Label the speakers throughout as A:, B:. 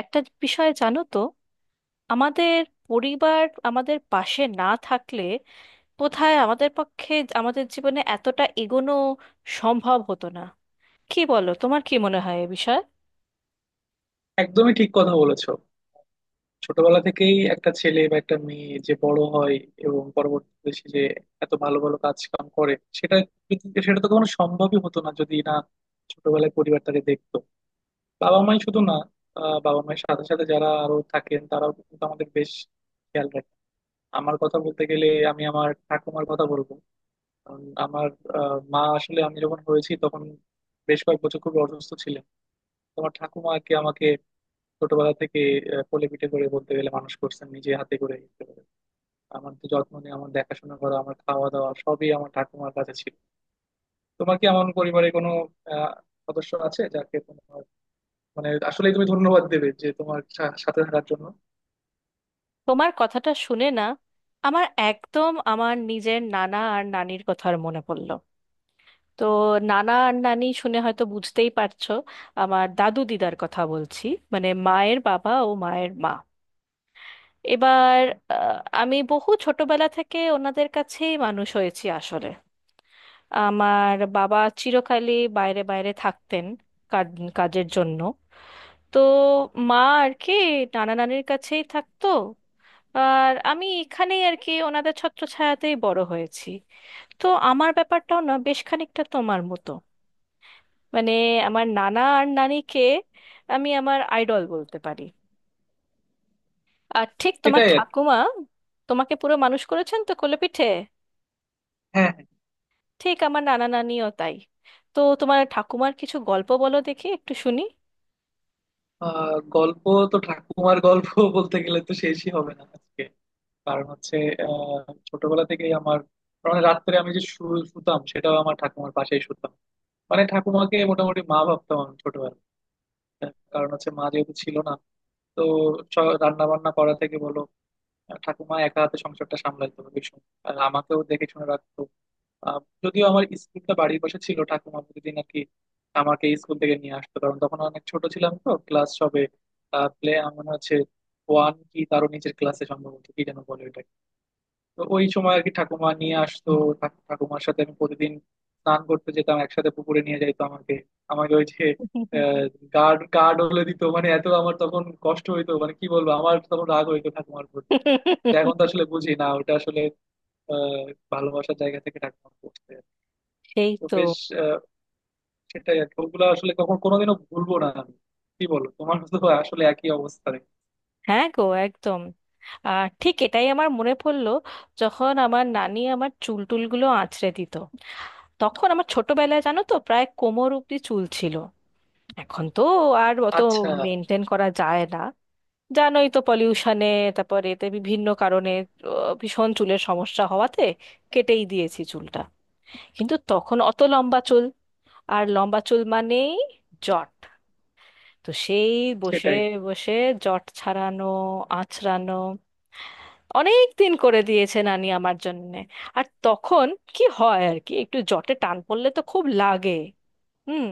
A: একটা বিষয় জানো তো, আমাদের পরিবার আমাদের পাশে না থাকলে কোথায় আমাদের পক্ষে আমাদের জীবনে এতটা এগোনো সম্ভব হতো না। কি বলো, তোমার কি মনে হয় এ বিষয়ে?
B: একদমই ঠিক কথা বলেছো। ছোটবেলা থেকেই একটা ছেলে বা একটা মেয়ে যে বড় হয় এবং পরবর্তীতে সে যে এত ভালো ভালো কাজ কাম করে, সেটা তো কখনো সম্ভবই হতো না যদি না ছোটবেলায় পরিবার তাকে দেখতো। বাবা মাই শুধু না, বাবা মায়ের সাথে সাথে যারা আরো থাকেন তারাও কিন্তু আমাদের বেশ খেয়াল রাখে। আমার কথা বলতে গেলে আমি আমার ঠাকুমার কথা বলবো, কারণ আমার মা আসলে আমি যখন হয়েছি তখন বেশ কয়েক বছর খুব অসুস্থ ছিলেন। তোমার ঠাকুমাকে আমাকে ছোটবেলা থেকে কোলে পিঠে করে বলতে গেলে মানুষ করছেন নিজে হাতে করে একেবারে। আমার তো যত্ন নিয়ে আমার দেখাশোনা করা, আমার খাওয়া দাওয়া, সবই আমার ঠাকুমার কাছে ছিল। তোমার কি এমন পরিবারে কোনো আহ সদস্য আছে যাকে তোমার মানে আসলে তুমি ধন্যবাদ দেবে যে তোমার সাথে থাকার জন্য?
A: তোমার কথাটা শুনে না, আমার একদম আমার নিজের নানা আর নানির কথার মনে পড়লো। তো নানা আর নানি শুনে হয়তো বুঝতেই পারছো, আমার দাদু দিদার কথা বলছি, মানে মায়ের বাবা ও মায়ের মা। এবার আমি বহু ছোটবেলা থেকে ওনাদের কাছেই মানুষ হয়েছি আসলে। আমার বাবা চিরকালই বাইরে বাইরে থাকতেন, কাজের জন্য। তো মা আর কি নানা নানির কাছেই থাকতো, আর আমি এখানেই আর কি ওনাদের ছত্রছায়াতেই বড় হয়েছি। তো আমার ব্যাপারটাও না বেশ খানিকটা তোমার মতো। মানে আমার নানা আর নানিকে আমি আমার আইডল বলতে পারি। আর ঠিক তোমার
B: সেটাই আর কি।
A: ঠাকুমা তোমাকে পুরো মানুষ করেছেন তো কোলে পিঠে,
B: হ্যাঁ, হ্যাঁ।
A: ঠিক আমার নানা নানিও তাই। তো তোমার ঠাকুমার কিছু গল্প বলো দেখি, একটু শুনি।
B: গল্প। তো ঠাকুমার গল্প বলতে গেলে তো শেষই হবে না আজকে, কারণ হচ্ছে ছোটবেলা থেকেই আমার মানে রাত্রে আমি যে শুতাম সেটাও আমার ঠাকুমার পাশেই শুতাম। মানে ঠাকুমাকে মোটামুটি মা ভাবতাম আমি, কারণ হচ্ছে মা যেহেতু ছিল না। তো রান্না বান্না করা থেকে বলো, ঠাকুমা একা হাতে সংসারটা সামলাইতো ভীষণ, আর আমাকেও দেখে শুনে রাখতো। যদিও আমার স্কুলটা বাড়ির পাশে ছিল, ঠাকুমা প্রতিদিন আর কি আমাকে স্কুল থেকে নিয়ে আসতো, কারণ তখন অনেক ছোট ছিলাম, তো ক্লাস সবে প্লে মনে হচ্ছে ওয়ান কি তারও নিচের ক্লাসে সম্ভবত, কি যেন বলে ওটা। তো ওই সময় আর কি ঠাকুমা নিয়ে আসতো। ঠাকুমার সাথে আমি প্রতিদিন স্নান করতে যেতাম একসাথে, পুকুরে নিয়ে যাইতো আমাকে। আমাকে ওই যে গার্ড গার্ড হলে দিত, মানে এত আমার তখন কষ্ট হইতো, মানে কি বলবো, আমার তখন রাগ হইতো ঠাকুমার উপর। তো এখন তো আসলে বুঝি না, ওটা আসলে আহ ভালোবাসার জায়গা থেকে ঠাকুমা করতে।
A: সেই
B: তো
A: তো।
B: বেশ, আহ, সেটাই আর কি। ওগুলো আসলে কখন কোনোদিনও ভুলবো না আমি। কি বলো, তোমার তো আসলে একই অবস্থা রে।
A: হ্যাঁ গো, একদম। আর ঠিক এটাই আমার মনে পড়লো, যখন আমার নানি আমার চুল টুলগুলো আঁচড়ে দিত। তখন আমার ছোটবেলায় জানো তো প্রায় কোমর অব্দি চুল ছিল। এখন তো আর অত
B: আচ্ছা।
A: মেনটেন করা যায় না, জানোই তো পলিউশনে, তারপর এতে বিভিন্ন কারণে ভীষণ চুলের সমস্যা হওয়াতে কেটেই দিয়েছি চুলটা। কিন্তু তখন অত লম্বা চুল, আর লম্বা চুল মানেই জট। তো সেই বসে
B: সেটাই
A: বসে জট ছাড়ানো, আঁচড়ানো অনেক দিন করে দিয়েছে নানি আমার জন্যে। আর তখন কি হয় আর কি, একটু জটে টান পড়লে তো খুব লাগে। হুম।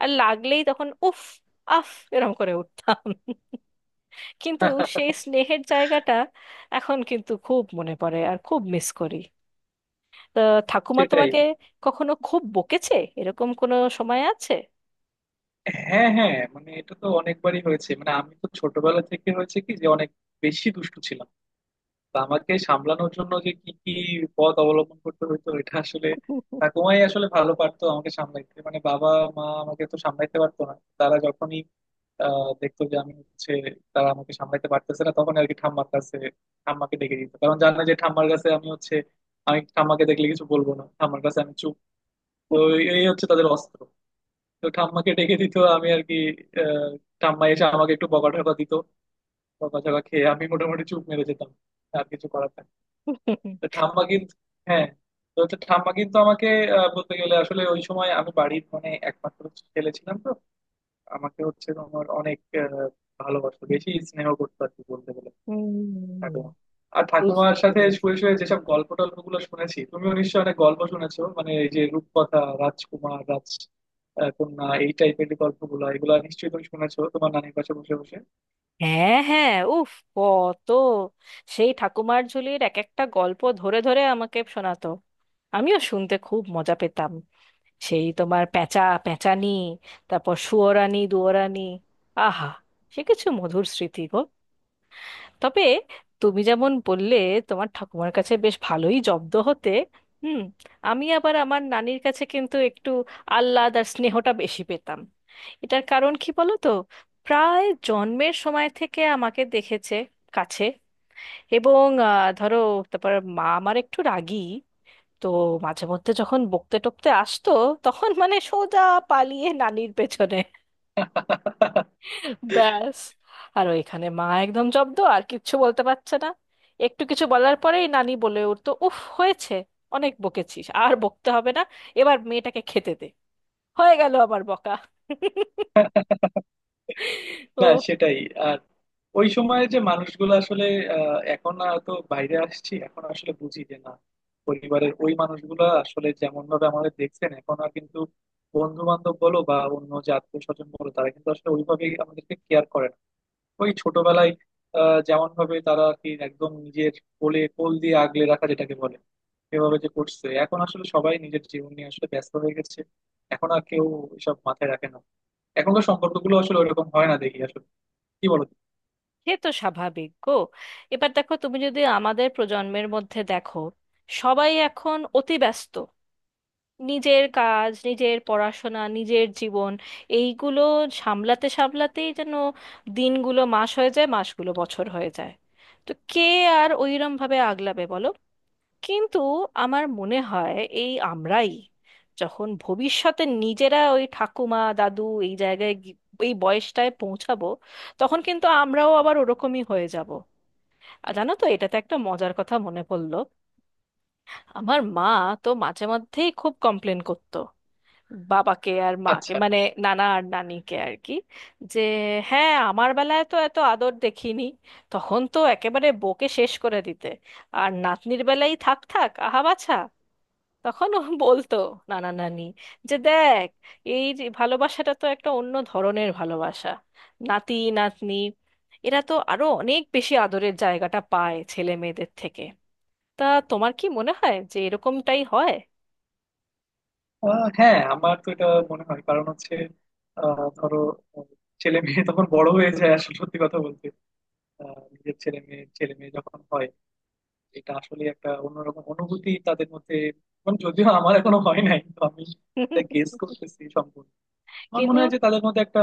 A: আর লাগলেই তখন উফ, আফ, এরম করে উঠতাম। কিন্তু সেই স্নেহের জায়গাটা এখন কিন্তু খুব মনে পড়ে আর খুব মিস করি। তো ঠাকুমা
B: সেটাই।
A: তোমাকে কখনো খুব বকেছে, এরকম কোনো সময় আছে?
B: হ্যাঁ, হ্যাঁ। মানে এটা তো অনেকবারই হয়েছে, মানে আমি তো ছোটবেলা থেকে হয়েছে কি যে অনেক বেশি দুষ্টু ছিলাম। তো আমাকে সামলানোর জন্য যে কি কি পথ অবলম্বন করতে হতো, এটা আসলে ঠাকুমাই আসলে ভালো পারতো আমাকে সামলাইতে, মানে বাবা মা আমাকে তো সামলাইতে পারতো না, তারা যখনই দেখতো যে আমি হচ্ছে তারা আমাকে সামলাইতে পারতেছে না, তখন আর কি ঠাম্মার কাছে ঠাম্মাকে ডেকে দিত, কারণ জানে যে ঠাম্মার কাছে আমি হচ্ছে আমি ঠাম্মাকে দেখলে কিছু বলবো না, ঠাম্মার কাছে আমি চুপ। তো এই হচ্ছে তাদের অস্ত্র। তো ঠাম্মাকে ডেকে দিত আমি আর কি, আহ, ঠাম্মা এসে আমাকে একটু বকাঝকা দিত, বকাঝকা খেয়ে আমি মোটামুটি চুপ মেরে যেতাম, আর কিছু করার থাকে। তো ঠাম্মা কিন্তু, হ্যাঁ, তো হচ্ছে ঠাম্মা কিন্তু আমাকে, বলতে গেলে আসলে ওই সময় আমি বাড়ির মানে একমাত্র ছেলে ছিলাম, তো আমাকে হচ্ছে আমার অনেক ভালোবাসতো, বেশি স্নেহ করতো আর কি বলতে গেলে
A: হুম,
B: ঠাকুমা। আর ঠাকুমার
A: বুঝতে
B: সাথে শুয়ে
A: পেরেছি।
B: শুয়ে যেসব গল্প টল্প গুলো শুনেছি, তুমিও নিশ্চয়ই অনেক গল্প শুনেছো, মানে এই যে রূপকথা, রাজকুমার, রাজ কন্যা, এই টাইপের গল্পগুলো এগুলো নিশ্চয়ই তুমি শুনেছো তোমার নানির পাশে বসে বসে।
A: হ্যাঁ হ্যাঁ, উফ, কত সেই ঠাকুমার ঝুলির এক একটা গল্প ধরে ধরে আমাকে শোনাতো, আমিও শুনতে খুব মজা পেতাম। সেই তোমার পেঁচা পেঁচানি, তারপর সুয়োরানি দুয়োরানি, আহা, সে কিছু মধুর স্মৃতি গো। তবে তুমি যেমন বললে, তোমার ঠাকুমার কাছে বেশ ভালোই জব্দ হতে। হুম। আমি আবার আমার নানির কাছে কিন্তু একটু আহ্লাদ আর স্নেহটা বেশি পেতাম। এটার কারণ কি বলো তো, প্রায় জন্মের সময় থেকে আমাকে দেখেছে কাছে। এবং ধরো, তারপর মা আমার একটু রাগী, তো মাঝে মধ্যে যখন বকতে টকতে আসতো, তখন মানে সোজা পালিয়ে নানির পেছনে, ব্যাস। আর ওইখানে মা একদম জব্দ, আর কিচ্ছু বলতে পারছে না। একটু কিছু বলার পরেই নানি বলে উঠতো, উফ হয়েছে, অনেক বকেছিস, আর বকতে হবে না, এবার মেয়েটাকে খেতে দে। হয়ে গেল আমার বকা।
B: না,
A: ও,
B: সেটাই। আর ওই সময়ের যে মানুষগুলো আসলে, এখন না তো বাইরে আসছি, এখন আসলে বুঝি যে না, পরিবারের ওই মানুষগুলো আসলে যেমন ভাবে আমাদের দেখছেন এখন, আর কিন্তু বন্ধু বান্ধব বলো বা অন্য যে আত্মীয় স্বজন বলো, তারা কিন্তু আসলে ওইভাবেই আমাদেরকে কেয়ার করে না। ওই ছোটবেলায় যেমন ভাবে তারা আর কি একদম নিজের কোলে কোল দিয়ে আগলে রাখা যেটাকে বলে সেভাবে যে করছে, এখন আসলে সবাই নিজের জীবন নিয়ে আসলে ব্যস্ত হয়ে গেছে, এখন আর কেউ এসব মাথায় রাখে না। এখনকার সম্পর্কগুলো আসলে ওরকম হয় না দেখি আসলে, কি বলো?
A: সে তো স্বাভাবিক গো। এবার দেখো, তুমি যদি আমাদের প্রজন্মের মধ্যে দেখো, সবাই এখন অতি ব্যস্ত, নিজের কাজ, নিজের পড়াশোনা, নিজের জীবন, এইগুলো সামলাতে সামলাতেই যেন দিনগুলো মাস হয়ে যায়, মাসগুলো বছর হয়ে যায়। তো কে আর ওইরম ভাবে আগলাবে বলো। কিন্তু আমার মনে হয়, এই আমরাই যখন ভবিষ্যতে নিজেরা ওই ঠাকুমা দাদু, এই জায়গায় গি- এই বয়সটায় পৌঁছাবো, তখন কিন্তু আমরাও আবার ওরকমই হয়ে যাব। আর জানো তো, এটাতে একটা মজার কথা মনে পড়লো। আমার মা তো মাঝে মধ্যেই খুব কমপ্লেন করতো বাবাকে আর মাকে,
B: আচ্ছা।
A: মানে নানা আর নানিকে আর কি, যে হ্যাঁ আমার বেলায় তো এত আদর দেখিনি, তখন তো একেবারে বকে শেষ করে দিতে, আর নাতনির বেলায় থাক থাক আহা বাছা। তখন ও বলতো নানা নানি, যে দেখ, এই যে ভালোবাসাটা তো একটা অন্য ধরনের ভালোবাসা, নাতি নাতনি এরা তো আরো অনেক বেশি আদরের জায়গাটা পায় ছেলে মেয়েদের থেকে। তা তোমার কি মনে হয় যে এরকমটাই হয়?
B: হ্যাঁ, আমার তো এটা মনে হয়, কারণ হচ্ছে ধরো, আহ, ছেলে মেয়ে তখন বড় হয়ে যায় আসলে সত্যি কথা বলতে, নিজের ছেলে মেয়ে যখন হয়, এটা আসলে একটা অন্যরকম অনুভূতি তাদের মধ্যে, মানে যদিও আমার এখনো হয় নাই, তো আমি এটা গেস করতেছি সম্পূর্ণ। আমার
A: কিন্তু
B: মনে হয় যে তাদের মধ্যে একটা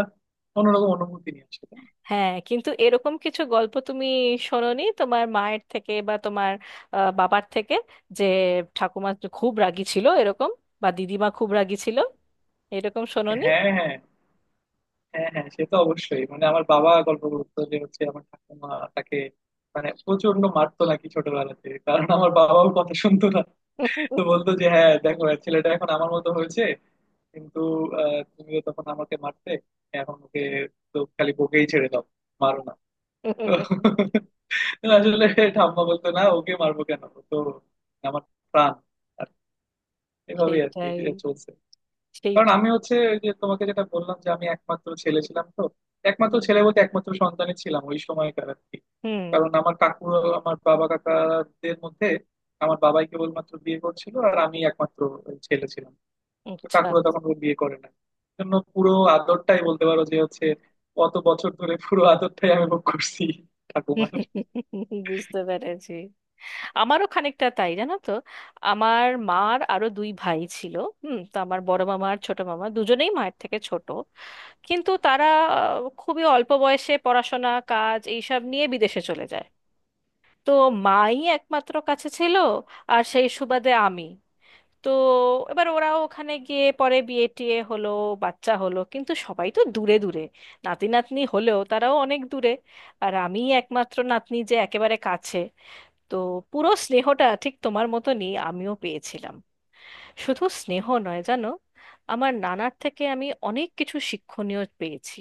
B: অন্যরকম অনুভূতি নিয়ে আসে, তাই না?
A: হ্যাঁ, কিন্তু এরকম কিছু গল্প তুমি শোনোনি তোমার মায়ের থেকে বা তোমার বাবার থেকে, যে ঠাকুমা খুব রাগী ছিল এরকম, বা দিদিমা খুব রাগী ছিল এরকম শোনোনি?
B: হ্যাঁ, হ্যাঁ। হ্যাঁ, হ্যাঁ, সে তো অবশ্যই, মানে আমার বাবা গল্প বলতো যে হচ্ছে আমার ঠাকুমা তাকে মানে প্রচন্ড মারতো নাকি ছোটবেলাতে, কারণ আমার বাবাও কথা শুনতো না। তো বলতো যে হ্যাঁ দেখো হ্যাঁ, ছেলেটা এখন আমার মতো হয়েছে, কিন্তু তুমিও তখন আমাকে মারতে, এখন ওকে তো খালি বকেই ছেড়ে দাও, মারো না। আসলে ঠাম্মা বলতো না, ওকে মারবো কেন, ও তো আমার প্রাণ। আর এভাবেই আর কি
A: সেইটাই,
B: যে চলছে, কারণ
A: সেইটাই।
B: আমি হচ্ছে ওই যে তোমাকে যেটা বললাম যে আমি একমাত্র ছেলে ছিলাম, তো একমাত্র
A: হুম,
B: ছেলে বলতে একমাত্র সন্তানই ছিলাম ওই সময়কার আর কি।
A: হুম।
B: কারণ আমার কাকু, আমার বাবা কাকাদের মধ্যে আমার বাবাই কেবলমাত্র বিয়ে করছিল আর আমি একমাত্র ছেলে ছিলাম, তো
A: আচ্ছা।
B: কাকুরা তখন ওর বিয়ে করে না জন্য পুরো আদরটাই বলতে পারো যে হচ্ছে অত বছর ধরে পুরো আদরটাই আমি ভোগ করছি ঠাকুমার।
A: বুঝতে পেরেছি। আমারও খানিকটা তাই জানো তো। আমার মার আরো দুই ভাই ছিল। হুম। তো আমার বড় মামা আর ছোট মামা দুজনেই মায়ের থেকে ছোট, কিন্তু তারা খুবই অল্প বয়সে পড়াশোনা কাজ এইসব নিয়ে বিদেশে চলে যায়। তো মাই একমাত্র কাছে ছিল, আর সেই সুবাদে আমি। তো এবার ওরা ওখানে গিয়ে পরে বিয়ে টিয়ে হলো, বাচ্চা হলো, কিন্তু সবাই তো দূরে দূরে, নাতি নাতনি হলেও তারাও অনেক দূরে। আর আমি একমাত্র নাতনি যে একেবারে কাছে। তো পুরো স্নেহটা ঠিক তোমার মতনই আমিও পেয়েছিলাম। শুধু স্নেহ নয় জানো, আমার নানার থেকে আমি অনেক কিছু শিক্ষণীয় পেয়েছি।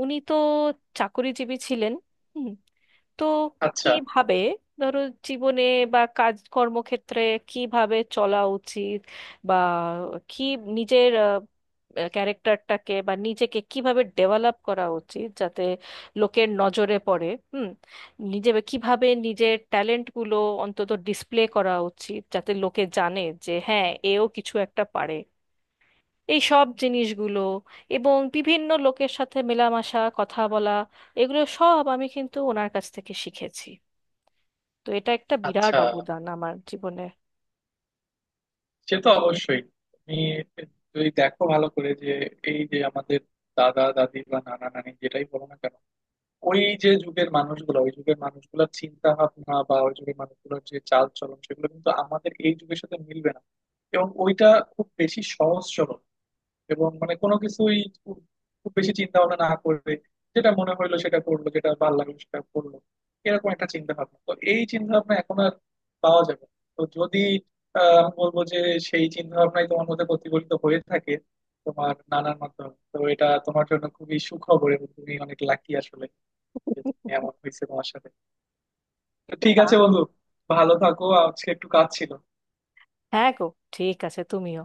A: উনি তো চাকরিজীবী ছিলেন। হুম। তো
B: আচ্ছা,
A: কিভাবে, ধরো, জীবনে বা কাজ কর্মক্ষেত্রে কিভাবে চলা উচিত, বা কি, নিজের ক্যারেক্টারটাকে বা নিজেকে কিভাবে ডেভেলপ করা উচিত যাতে লোকের নজরে পড়ে, হুম, নিজে কিভাবে নিজের ট্যালেন্টগুলো অন্তত ডিসপ্লে করা উচিত যাতে লোকে জানে যে হ্যাঁ, এও কিছু একটা পারে, এই সব জিনিসগুলো, এবং বিভিন্ন লোকের সাথে মেলামেশা কথা বলা, এগুলো সব আমি কিন্তু ওনার কাছ থেকে শিখেছি। তো এটা একটা বিরাট
B: আচ্ছা,
A: অবদান আমার জীবনে।
B: সে তো অবশ্যই। তুমি যদি দেখো ভালো করে যে এই যে আমাদের দাদা দাদি বা নানা নানি যেটাই বলো না কেন, ওই যে যুগের মানুষগুলো, ওই যুগের মানুষগুলোর চিন্তা ভাবনা বা ওই যুগের মানুষগুলোর যে চাল চলন, সেগুলো কিন্তু আমাদের এই যুগের সাথে মিলবে না। এবং ওইটা খুব বেশি সহজ সরল, এবং মানে কোনো কিছুই খুব খুব বেশি চিন্তা ভাবনা না করবে, যেটা মনে হইলো সেটা করলো, যেটা ভালো লাগলো সেটা করলো, এরকম একটা চিন্তা ভাবনা, তো এই চিন্তা ভাবনা এখন আর পাওয়া যাবে না। তো যদি আমি বলবো যে সেই চিন্তা ভাবনাই তোমার মধ্যে প্রতিফলিত হয়ে থাকে তোমার নানার মাধ্যমে, তো এটা তোমার জন্য খুবই সুখবর এবং তুমি অনেক লাকি আসলে, যে তুমি এমন হয়েছে তোমার সাথে। তো
A: তো
B: ঠিক
A: তা,
B: আছে বন্ধু, ভালো থাকো, আজকে একটু কাজ ছিল।
A: হ্যাঁ গো, ঠিক আছে, তুমিও।